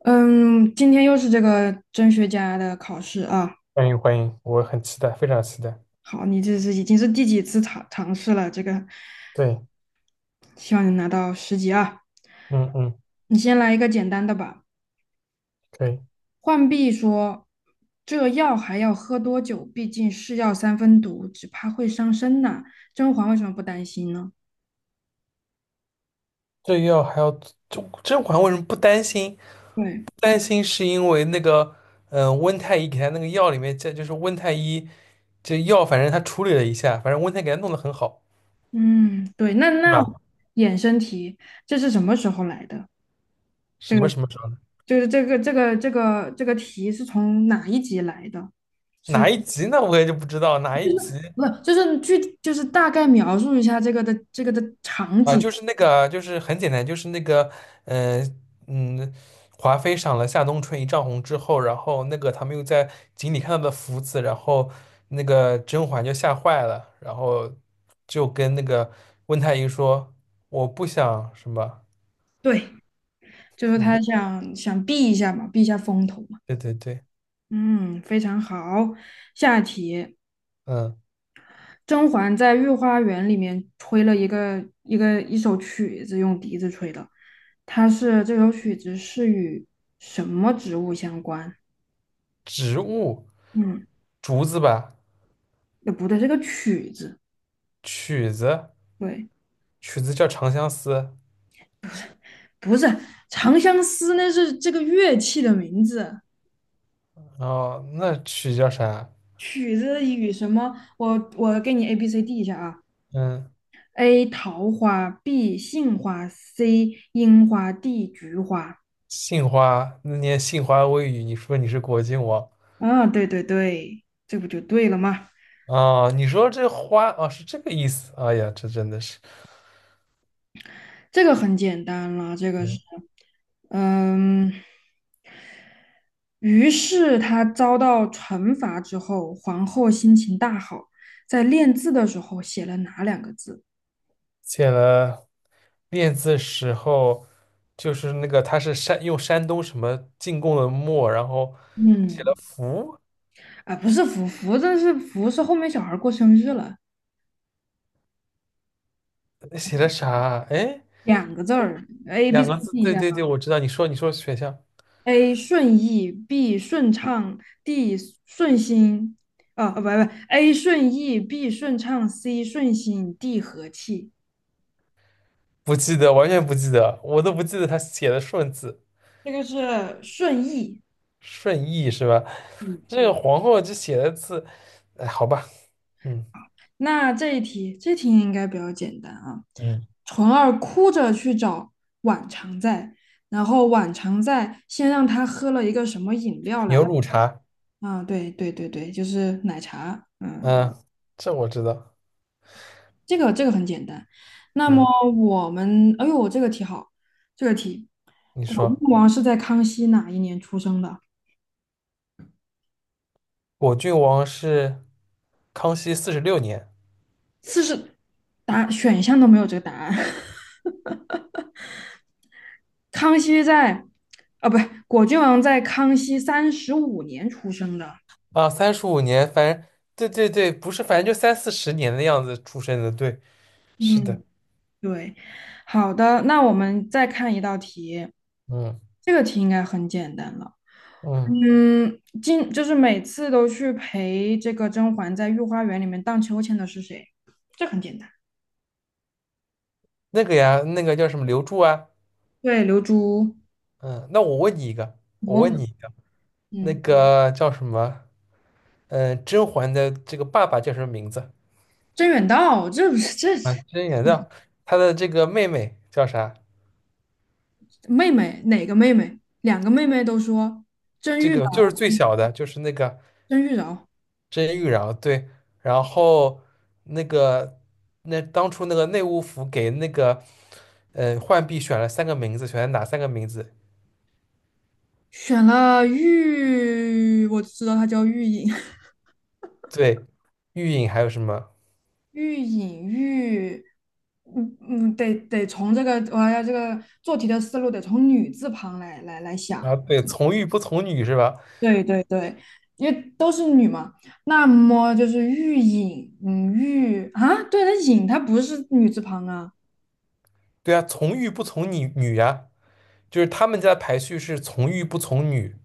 嗯，今天又是这个甄学家的考试啊。欢迎欢迎，我很期待，非常期待。好，你这是已经是第几次尝试了？这个，对，希望你拿到10级啊。嗯嗯，你先来一个简单的吧。可以。浣碧说："这药还要喝多久？毕竟是药三分毒，只怕会伤身呐。"甄嬛为什么不担心呢？这药还要甄嬛为什么不担心？对，不担心是因为那个，温太医给他那个药里面加，这就是温太医这药，反正他处理了一下，反正温太医给他弄得很好，嗯，对，那是那吧？衍生题，这是什么时候来的？什这么个什么什么，就是这个题是从哪一集来的？哪是。一集呢？我也就不知道哪一集。不，就是具，就是大概描述一下这个的这个的场啊，景。就是那个啊就是很简单，就是那个，嗯嗯，华妃赏了夏冬春一丈红之后，然后那个他们又在井里看到的福子，然后那个甄嬛就吓坏了，然后就跟那个温太医说："我不想什么，对，就是嗯，他想避一下嘛，避一下风头嘛。对对对，嗯，非常好。下一题，嗯，甄嬛在御花园里面吹了一首曲子，用笛子吹的。它是这首曲子是与什么植物相关？植物，嗯，竹子吧，不对，这个曲子，曲子，对，曲子叫长相思，不是《长相思》，那是这个乐器的名字。然后那曲叫啥？曲子与什么？我给你 A B C D 一下啊嗯，，A 桃花，B 杏花，C 樱花，D 菊花。杏花，那年杏花微雨，你说你是果郡王。"啊，对对对，这不就对了吗？啊，你说这花啊，是这个意思。哎呀，这真的是，这个很简单了，这个是，嗯，嗯，于是他遭到惩罚之后，皇后心情大好，在练字的时候写了哪两个字？写了练字时候，就是那个他是山用山东什么进贡的墨，然后写了嗯，福，啊，不是福，这是福是后面小孩过生日了。写了啥？哎，两个字儿，A B 两 C 个字，D 一对下对对，我知道。你说你说选项，A 顺意，B 顺畅，D 顺心，啊啊不不，A 顺意，B 顺畅，C 顺心，D 和气，不记得，完全不记得，我都不记得他写的顺字这个是顺意。顺义是吧？嗯，这个皇后这写的字，哎，好吧，嗯那这一题，这题应该比较简单啊。嗯，纯儿哭着去找晚常在，然后晚常在先让他喝了一个什么饮料牛来？乳茶，啊，对对对对，就是奶茶。嗯。嗯，这我知道，这个这个很简单。那么嗯，我们，哎呦，这个题好，这个题，你果郡说。王是在康熙哪一年出生的？果郡王是康熙46年40，答选项都没有这个答案。康熙在，啊，不是，果郡王在康熙35年出生的。啊，35年，反正对对对，不是，反正就三四十年的样子出生的，对，是的，嗯，对。好的，那我们再看一道题，嗯这个题应该很简单了。嗯，嗯，今就是每次都去陪这个甄嬛在御花园里面荡秋千的是谁？这很简单。那个呀，那个叫什么刘柱啊，对，刘珠、嗯，那我问你一个，吴我文问文，你一个，那嗯，嗯个叫什么，嗯，甄嬛的这个爸爸叫什么名字甄远道，这不是这啊？甄嬛的，她的这个妹妹叫啥？妹妹哪个妹妹？两个妹妹都说甄这玉个娆，就是最小的，就是那个。甄玉娆。这些玉娆对，然后那个那当初那个内务府给那个浣碧选了三个名字，选了哪三个名字？选了玉，我只知道她叫玉隐，对，玉隐还有什么？玉隐玉，嗯嗯，得从这个我要这个做题的思路得从女字旁来想。啊？对，从玉不从女是吧？对对对，因为都是女嘛，那么就是玉隐，嗯，玉啊，对，那隐它不是女字旁啊，对啊，从玉不从女女呀、就是他们家的排序是从玉不从女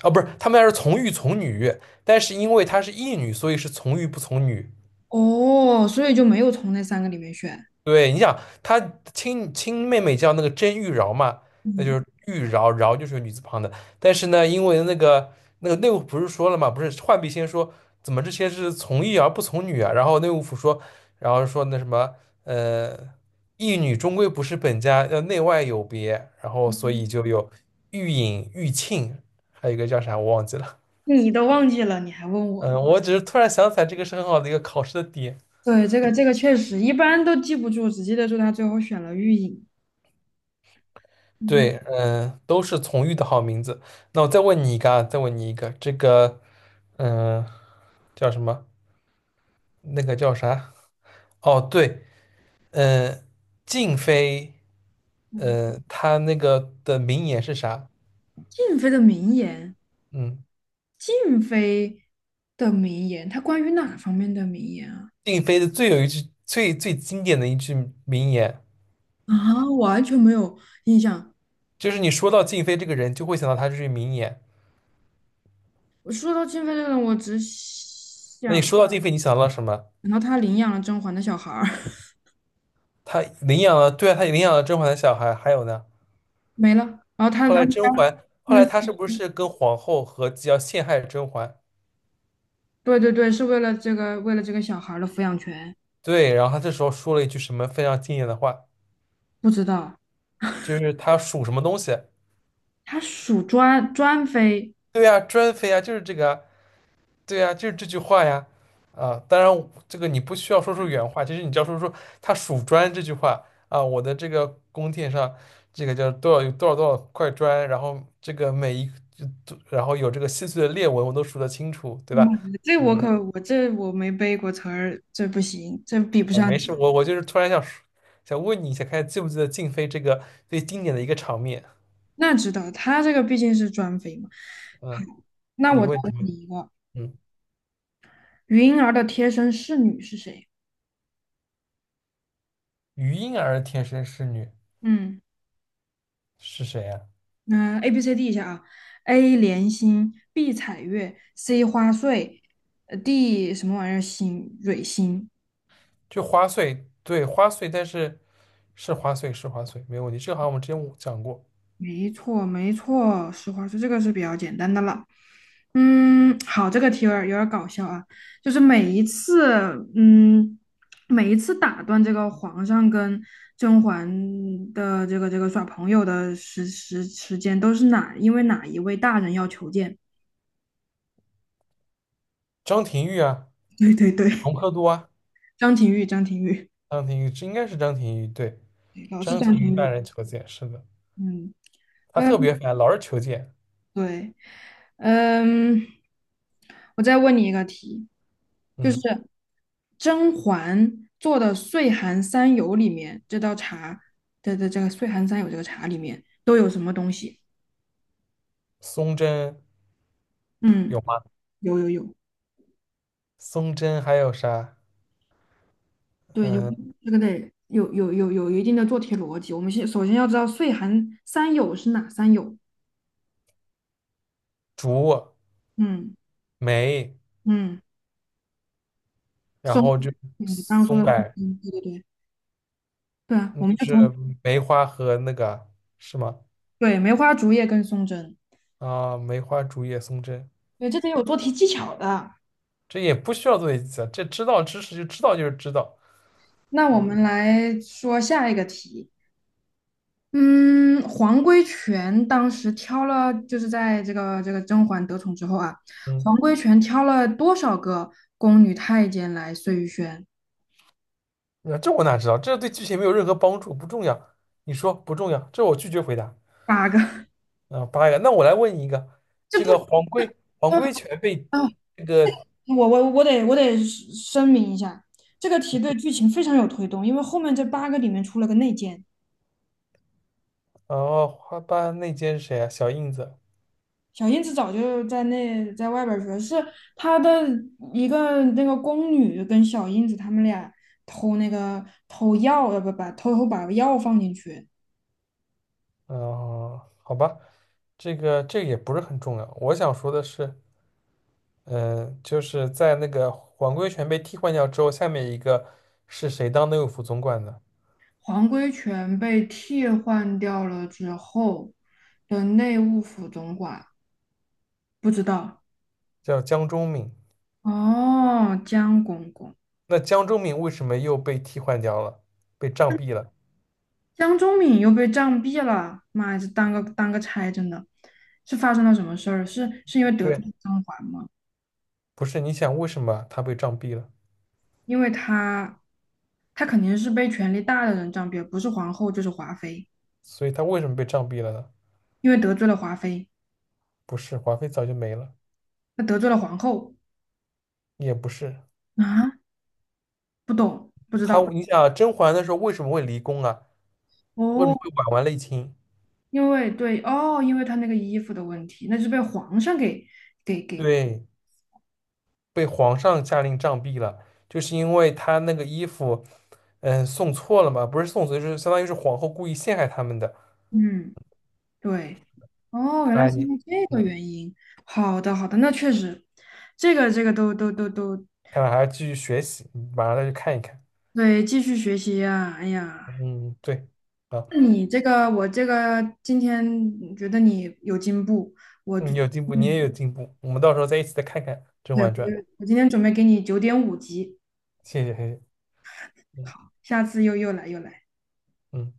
啊，不是他们家是从玉从女，但是因为她是义女，所以是从玉不从女。哦，所以就没有从那三个里面选。对，你想她亲亲妹妹叫那个甄玉娆嘛，那就嗯，是玉娆，娆就是女字旁的。但是呢，因为那个那个内务府不是说了嘛，不是浣碧先说怎么这些是从义而不从女啊？然后内务府说，然后说那什么，呃，义女终归不是本家，要内外有别。然后所以就有玉隐、玉罄，还有一个叫啥我忘记了。你都忘记了，你还问我嗯，呢？我只是突然想起来，这个是很好的一个考试的点。对，这个这个确实一般都记不住，只记得住他最后选了玉隐。嗯对，都是从玉的好名字。那我再问你一个啊，再问你一个，这个，嗯、叫什么？那个叫啥？哦，对，嗯、静妃，嗯，她那个的名言是啥？静妃的名言，嗯，静妃的名言，它关于哪方面的名言啊？静妃的最有一句最最经典的一句名言，啊，完全没有印象。就是你说到静妃这个人，就会想到她这句名言。我说到金飞这个人我只那你想，说到静妃，你想到了什么？然后他领养了甄嬛的小孩儿，她领养了，对啊，她领养了甄嬛的小孩，还有呢？没了。然后他后他来们家，甄嬛，他后来们她是不是跟皇后合计要陷害甄嬛？对对对，是为了这个为了这个小孩儿的抚养权，对，然后她这时候说了一句什么非常经典的话，不知道就是她属什么东西？他属专妃，对呀，专妃啊，就是这个啊，对呀，就是这句话呀。啊，当然这个你不需要说出原话，其实你只要说出她数砖这句话啊，我的这个宫殿上这个叫多少有多少多少块砖，然后这个每一就然后有这个细碎的裂纹，我都数得清楚，对嗯，吧？这我嗯。可我这我没背过词儿，这不行，这比不上你。没事，我就是突然想说想问你一下，看记不记得静妃这个最经典的一个场面？那知道他这个毕竟是专妃嘛。好，嗯，那你我再问问你你问，一个，嗯，云儿的贴身侍女是谁？余莺儿天生是女嗯。是谁啊？嗯，A、B、C、D 一下啊，A 莲心，B 彩月，C 花穗，D 什么玩意儿心蕊心，就花穗，对，花穗，但是是花穗是花穗，没问题。这个好像我们之前讲过，没错没错，实话说，这个是比较简单的了。嗯，好，这个题有点搞笑啊，就是嗯，每一次打断这个皇上跟甄嬛的这个耍朋友的时间，都是因为哪一位大人要求见？张廷玉啊，对对对，隆科多啊，张廷玉，张廷玉，张廷玉，这应该是张廷玉，对，对老是张张廷玉廷大玉。人求见，是的，嗯他特嗯，别烦，老是求见。对，嗯，我再问你一个题，就是嗯，甄嬛做的岁寒三友里面，这道茶的这个岁寒三友这个茶里面都有什么东西？松针嗯，有吗？有有有，松针还有啥？对，有嗯，这个得有一定的做题逻辑。我们先首先要知道岁寒三友是哪三友？竹嗯梅。嗯，然松，后就嗯，刚刚说松的松柏针，对对对，对啊，就我们就是从梅花和那个是吗？对梅花竹叶跟松针。啊，梅花竹叶松针，对，这得有做题技巧的。这也不需要做笔记啊，这知道知识就知道就是知道，那我嗯们来说下一个题。嗯，黄规全当时挑了，就是在这个甄嬛得宠之后啊，黄嗯，规全挑了多少个宫女太监来碎玉轩？那这我哪知道？这对剧情没有任何帮助，不重要。你说不重要，这我拒绝回答。八个。啊，8个，那我来问你一个，这这不，个黄龟黄啊龟全被啊，这个我得声明一下，这个题对剧情非常有推动，因为后面这八个里面出了个内奸。哦花瓣内奸是谁啊？小印子。小燕子早就在那在外边儿学，是她的一个那个宫女跟小燕子他们俩偷那个偷药，不偷偷把药放进去，嗯，好吧，这个也不是很重要。我想说的是。嗯，就是在那个皇贵全被替换掉之后，下面一个是谁当内务府总管的？黄规全被替换掉了之后的内务府总管不知道叫江忠敏。哦，江公公那江忠敏为什么又被替换掉了？被杖毙了？江忠敏又被杖毙了，妈呀，这当个差真的，是发生了什么事儿？是因为得罪对，了张环吗？不是，你想为什么他被杖毙了？因为他她肯定是被权力大的人占便宜，不是皇后就是华妃，所以他为什么被杖毙了呢？因为得罪了华妃，不是，华妃早就没了，那得罪了皇后也不是啊？不懂，不知他。道你想啊甄嬛的时候为什么会离宫啊？为什么哦，会婉婉内亲？因为对哦，因为她那个衣服的问题，那是被皇上给，对，被皇上下令杖毙了，就是因为他那个衣服，嗯，送错了嘛，不是送错，就是相当于是皇后故意陷害他们的。嗯，对，哦，看原来来是因你，为这个嗯，原因。好的，好的，那确实，这个这个都都都都看来还要继续学习，你马上再去看一看。对，继续学习呀、哎呀，嗯，对，啊，那你这个我这个今天觉得你有进步，我就。你有进步，你也有进步，我们到时候再一起再看看《甄对，嬛传》。我今天准备给你9.5级，谢谢，谢谢，嗯好，下次又来又来。嗯。